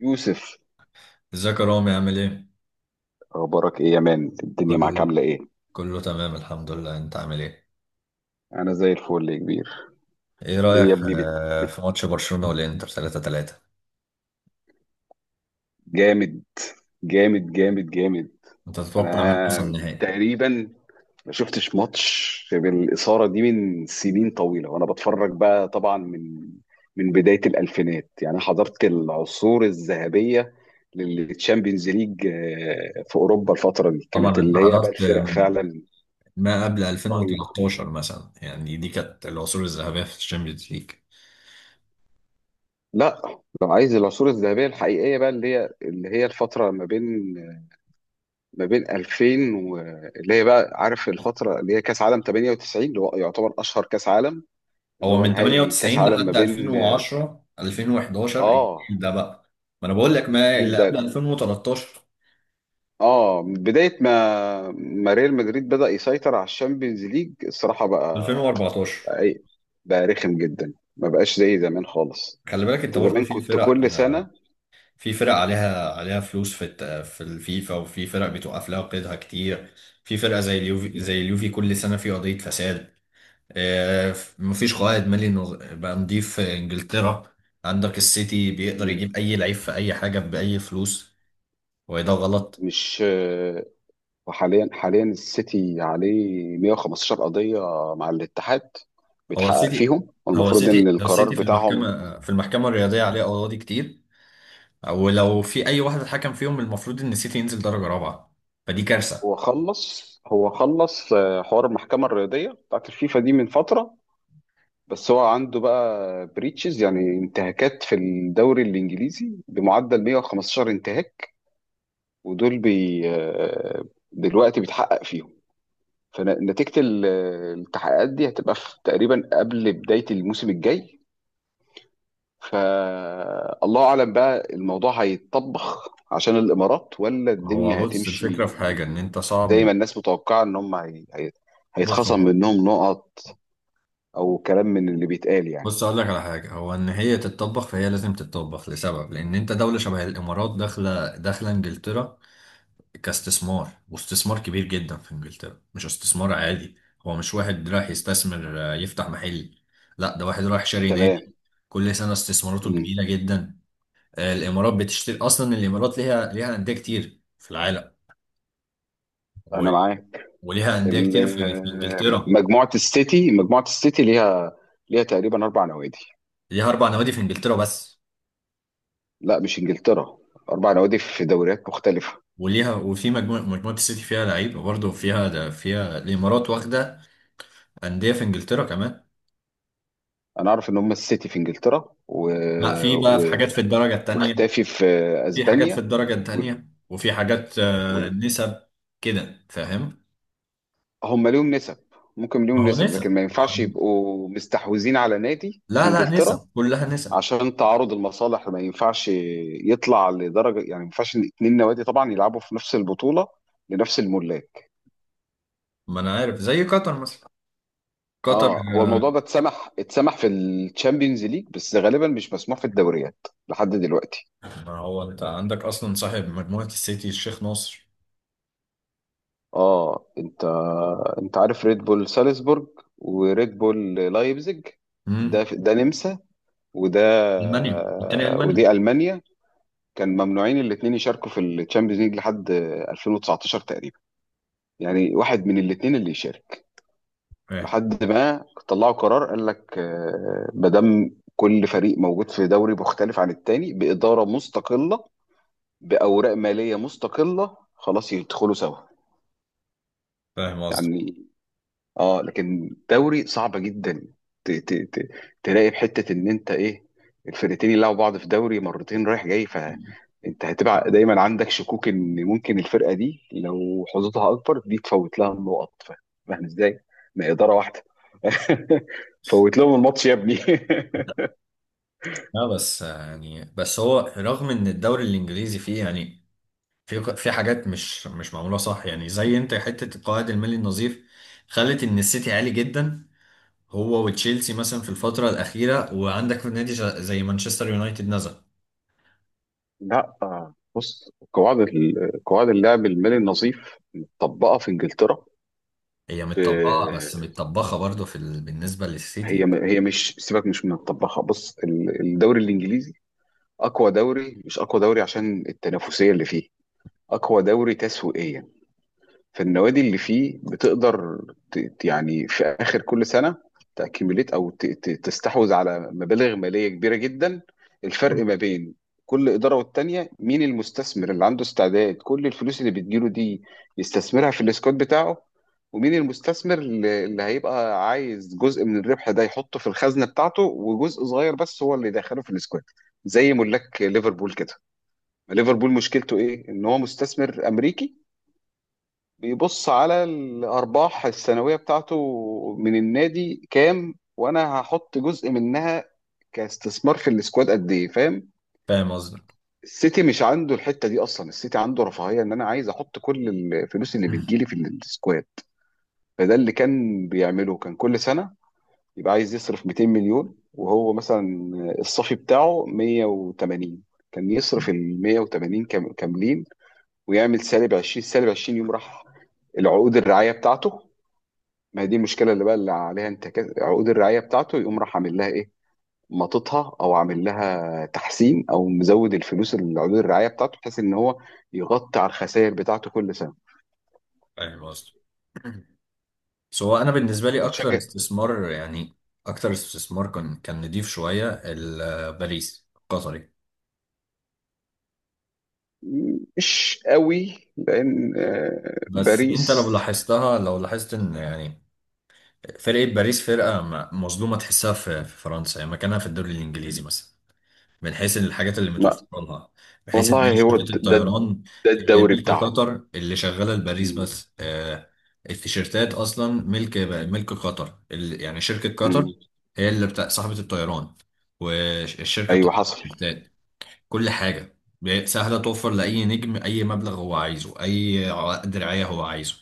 يوسف، ازيك يا رامي عامل ايه؟ اخبارك ايه يا مان؟ الدنيا معاك كل عامله ايه؟ كله تمام الحمد لله، انت عامل ايه؟ انا زي الفل يا كبير. ايه ايه رأيك يا في ابني بت... في ماتش برشلونة والانتر 3-3؟ جامد جامد جامد جامد. انت تتوقع مين يوصل انا النهائي؟ تقريبا ما شفتش ماتش بالاثاره دي من سنين طويله، وانا بتفرج بقى طبعا من بدايه الالفينات، يعني حضرت العصور الذهبيه للتشامبيونز ليج، في اوروبا. الفتره دي كانت طبعا انت اللي هي بقى حضرت الفرق فعلا ما قبل رهيبه. 2013 مثلا، يعني دي كانت العصور الذهبية في الشامبيونز ليج. لا، لو عايز العصور الذهبية الحقيقية بقى اللي هي الفترة ما بين 2000 و... اللي هي بقى عارف الفترة اللي هي كأس عالم 98، اللي هو يعتبر أشهر كأس عالم، اللي هو هو من نهائي كأس 98 عالم ما لحد بين 2010 2011 آه الجيل ده بقى. ما انا بقول لك ما الجيل اللي قبل ده. 2013 من بداية ما ريال مدريد بدأ يسيطر على الشامبيونز ليج الصراحة 2014. إيه؟ بقى رخم جدا، ما بقاش زي زمان خالص. خلي بالك انت أنت برضه زمان في كنت فرق، كل سنة. في فرق عليها فلوس في في الفيفا، وفي فرق بتوقف لها قيدها كتير. في فرقة زي اليوفي، زي اليوفي كل سنة في قضية فساد. مفيش قائد مالي بقى نضيف في انجلترا. عندك السيتي بيقدر مم. يجيب اي لعيب في اي حاجة بأي فلوس، وده غلط. مش وحاليا السيتي عليه 115 قضية مع الاتحاد، هو بيتحقق السيتي فيهم، هو والمفروض ان السيتي هو القرار السيتي في بتاعهم. المحكمة الرياضية عليه قواضي كتير، ولو في اي واحد اتحكم فيهم المفروض ان السيتي ينزل درجة رابعة، فدي كارثة. هو خلص حوار المحكمة الرياضية بتاعت الفيفا دي من فترة. بس هو عنده بقى بريتشز، يعني انتهاكات في الدوري الانجليزي بمعدل 115 انتهاك، ودول بي دلوقتي بيتحقق فيهم. فنتيجة التحقيقات دي هتبقى في تقريبا قبل بداية الموسم الجاي. فالله اعلم بقى الموضوع هيتطبخ عشان الامارات، ولا هو الدنيا بص، هتمشي الفكرة في حاجة ان انت صعب زي من، ما الناس متوقعه ان هم بص هيتخصم هو، منهم نقط، او كلام من اللي بيتقال يعني. بص اقول لك على حاجه. هو ان هي تتطبخ فهي لازم تتطبخ لسبب، لان انت دوله شبه الامارات داخله انجلترا كاستثمار، واستثمار كبير جدا في انجلترا، مش استثمار عادي. هو مش واحد رايح يستثمر يفتح محل، لا ده واحد رايح شاري تمام. نادي. كل سنه استثماراته مم. كبيره جدا. الامارات بتشتري اصلا، الامارات ليها انديه كتير في العالم، و- انا معاك. وليها انديه كتير في انجلترا. مجموعه السيتي ليها تقريبا اربع نوادي. ليها اربع نوادي في انجلترا بس. لا مش انجلترا، اربع نوادي في دوريات مختلفه. وليها، وفي مجموعة السيتي فيها لعيبة برضه، فيها ده، فيها الإمارات واخدة أندية في إنجلترا كمان. انا اعرف ان هم السيتي في انجلترا و... لا، في بقى في و... حاجات في الدرجة التانية، واختافي في في حاجات في اسبانيا الدرجة التانية، وفي حاجات وال- نسب كده فاهم. هم ليهم نسب. ممكن ما ليهم هو نسب، لكن نسب، ما ما هو، ينفعش يبقوا مستحوذين على نادي في لا نسب، انجلترا كلها نسب. عشان تعارض المصالح. ما ينفعش يطلع لدرجه يعني، ما ينفعش إن اتنين نوادي طبعا يلعبوا في نفس البطوله لنفس الملاك. ما أنا عارف زي قطر مثلا، قطر. اه، هو الموضوع آه، ده اتسمح في الشامبيونز ليج، بس غالبا مش مسموح في الدوريات لحد دلوقتي. ما هو أنت عندك أصلا صاحب مجموعة السيتي الشيخ ناصر. اه، انت عارف ريد بول سالزبورج وريد بول لايبزيج. ده امم ده نمسا، وده ألمانيا والتاني ألمانيا. ودي المانيا. كان ممنوعين الاثنين يشاركوا في الشامبيونز ليج لحد 2019 تقريبا، يعني واحد من الاثنين اللي يشارك. فاهم. لحد ما طلعوا قرار قال لك ما دام كل فريق موجود في دوري مختلف عن التاني بإدارة مستقلة، بأوراق مالية مستقلة، خلاص يدخلوا سوا فاهم قصدي. يعني. اه لكن دوري صعبه جدا. ت- ت- ت- تلاقي في حته ان انت ايه، الفرقتين يلعبوا بعض في دوري مرتين رايح جاي، فانت هتبقى دايما عندك شكوك ان ممكن الفرقه دي لو حظوظها اكبر دي تفوت لها النقط. فاهم ازاي؟ ما هي اداره واحده. فوت لهم الماتش يا ابني. لا بس يعني، بس هو رغم ان الدوري الانجليزي فيه يعني، في في حاجات مش معموله صح، يعني زي انت حته القواعد المالي النظيف خلت ان السيتي عالي جدا، هو وتشيلسي مثلا في الفتره الاخيره. وعندك في نادي زي مانشستر يونايتد نزل. لا بص قواعد قواعد اللعب المالي النظيف مطبقه في انجلترا. هي ب- متطبقه بس متطبخه برضه في ال... بالنسبه هي للسيتي. هي مش سيبك، مش من مطبقها. بص الدوري الانجليزي اقوى دوري، مش اقوى دوري عشان التنافسيه اللي فيه، اقوى دوري تسويقيا. فالنوادي اللي فيه بتقدر يعني في اخر كل سنه تاكيميليت، او تستحوذ على مبالغ ماليه كبيره جدا. الفرق ما بين كل اداره والتانيه، مين المستثمر اللي عنده استعداد كل الفلوس اللي بتجيله دي يستثمرها في الاسكواد بتاعه، ومين المستثمر اللي هيبقى عايز جزء من الربح ده يحطه في الخزنه بتاعته، وجزء صغير بس هو اللي يدخله في الاسكواد، زي ملاك ليفربول كده. ليفربول مشكلته ايه؟ ان هو مستثمر امريكي، بيبص على الارباح السنويه بتاعته من النادي كام، وانا هحط جزء منها كاستثمار في السكواد قد ايه، فاهم؟ فاهم قصدي. السيتي مش عنده الحته دي اصلا. السيتي عنده رفاهيه ان انا عايز احط كل الفلوس اللي بتجيلي في السكواد. فده اللي كان بيعمله، كان كل سنه يبقى عايز يصرف 200 مليون، وهو مثلا الصافي بتاعه 180. كان يصرف ال 180 كاملين، ويعمل سالب 20 سالب 20. يوم راح العقود الرعايه بتاعته، ما هي دي المشكله اللي بقى اللي عليها انتكاس. عقود الرعايه بتاعته يقوم راح عامل لها ايه، مططها، او عامل لها تحسين، او مزود الفلوس اللي عقود الرعايه بتاعته، بحيث ان هو يغطي على الخسائر بتاعته كل سنه. فاهم قصدي. سو انا بالنسبه لي اكتر بتشجع؟ استثمار يعني، اكتر استثمار كان، نضيف شويه باريس القطري. مش قوي لان بس انت لو باريس لاحظتها، لو لاحظت ان يعني فرقه باريس فرقه مظلومه، تحسها في في فرنسا يعني مكانها في الدوري الانجليزي مثلا، من حيث الحاجات اللي ما متوفره لها، بحيث ان والله. هي هو شركه ده الطيران ده اللي الدوري ملك بتاعهم. قطر اللي شغاله لباريس مم. بس. التيشيرتات اصلا ملك، قطر يعني شركه مم. قطر، هي اللي بتاع صاحبه الطيران والشركه ايوه بتاعت حصل. التيشيرتات. كل حاجة سهلة، توفر لأي نجم أي مبلغ هو عايزه، أي عقد رعاية هو عايزه.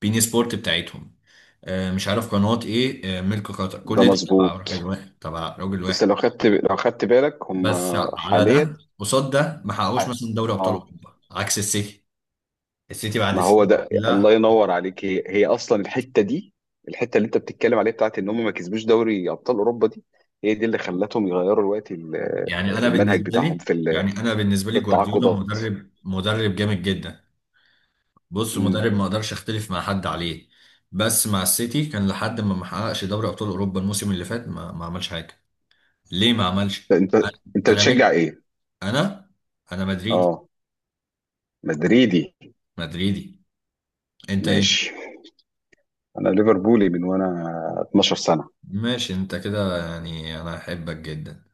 بين سبورت بتاعتهم، مش عارف قناة إيه، ملك قطر، ده كل ده تبع مظبوط. راجل واحد، تبع راجل بس واحد. لو خدت لو خدت بالك هم بس على حاليا. ده قصاد ده ما ح- حققوش مثلا دوري أبطال اه، أوروبا عكس السيتي. السيتي بعد ما هو سنين، ده الله لا. ينور عليك. هي اصلا الحته دي، الحته اللي انت بتتكلم عليها بتاعت ان هم ما كسبوش دوري ابطال اوروبا دي، هي دي اللي خلتهم يغيروا الوقت يعني أنا المنهج بالنسبة بتاعهم لي، في يعني أنا بالنسبة لي في جوارديولا التعاقدات. مدرب، مدرب جامد جدا. بص مم. مدرب ما اقدرش اختلف مع حد عليه، بس مع السيتي كان لحد ما حققش دوري ابطال اوروبا الموسم اللي فات، ما عملش حاجه. ليه ما عملش؟ انت انت انا بتشجع باجي، ايه؟ انا، مدريدي. اه. مدريدي. مدريدي. انت ايه؟ ماشي. انا ليفربولي من وانا 12 سنه. ماشي. انت كده يعني انا احبك جدا.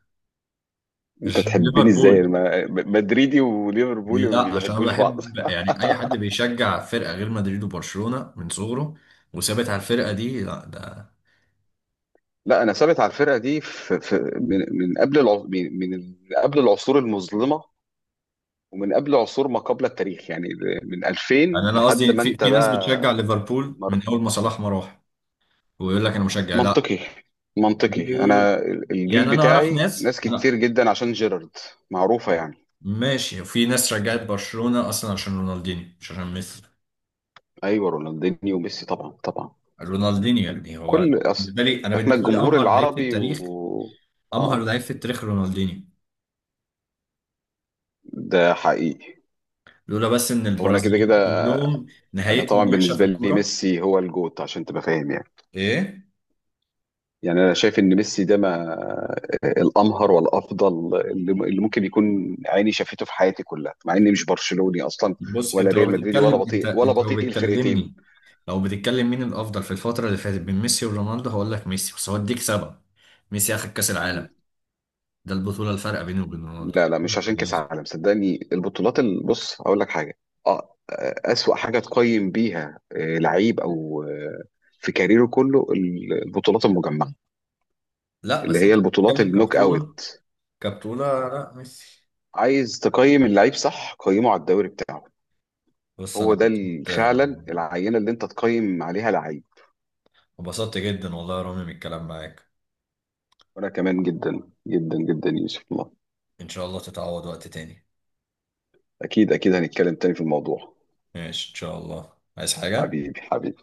انت عشان تحبني ازاي؟ ليفربول، مدريدي وليفربولي ما لا عشان انا بيحبوش بعض. بحب يعني اي حد بيشجع فرقه غير مدريد وبرشلونه من صغره وثابت على الفرقه دي، لا ده. لا، انا ثابت على الفرقه دي في من قبل من قبل العصور المظلمه، ومن قبل عصور ما قبل التاريخ، يعني من يعني 2000 انا لحد قصدي ما في انت في ناس بقى. بتشجع ليفربول مر. من اول ما صلاح ما راح، ويقول لك انا مشجع. منطقي، منطقي. لا، انا الجيل يعني انا اعرف بتاعي ناس، ناس انا، كتير جدا عشان جيرارد. معروفة يعني. ماشي. في ناس رجعت برشلونة اصلا عشان رونالدينيو، مش عشان ميسي. ايوه، رونالدينيو وميسي طبعا طبعا. رونالدينيو يعني هو، كل أص... بالنسبة لي، انا احنا بالنسبة لي الجمهور امهر لعيب في العربي، التاريخ. و امهر اه لعيب في التاريخ رونالدينيو، ده حقيقي. لولا بس ان هو انا كده البرازيليين كده، كلهم انا طبعا نهايتهم وحشة في بالنسبة لي الكورة. ميسي هو الجوت، عشان تبقى فاهم يعني. ايه. يعني انا شايف ان ميسي ده ما الامهر والافضل اللي ممكن يكون عيني شافته في حياتي كلها، مع اني مش برشلوني اصلا بص ولا انت لو ريال مدريدي، ولا بتتكلم، انت بطيء ولا انت لو بطيء الفرقتين. بتكلمني، لو بتتكلم مين الافضل في الفترة اللي فاتت بين ميسي ورونالدو هقول لك ميسي، بس هوديك سبب. ميسي اخد كاس العالم، مم. ده البطولة الفارقة بينه وبين رونالدو. لا لا، مش عشان كاس عالم. صدقني، البطولات بص هقول لك حاجه. اه. اسوأ حاجه تقيم بيها لعيب، او في كاريره كله البطولات المجمعه لا اللي بس انت هي البطولات بتتكلم النوك كبطولة، اوت. كبتونة لا ميسي. عايز تقيم اللعيب صح؟ قيمه على الدوري بتاعه. بص انا هو ده انبسطت، فعلا العينه اللي انت تقيم عليها لعيب. انبسطت جدا والله يا رامي من الكلام معاك. وانا كمان جدا جدا جدا، يوسف. الله. ان شاء الله تتعوض وقت تاني. اكيد اكيد هنتكلم تاني في الموضوع. ماشي ان شاء الله. عايز حاجة؟ حبيبي حبيبي.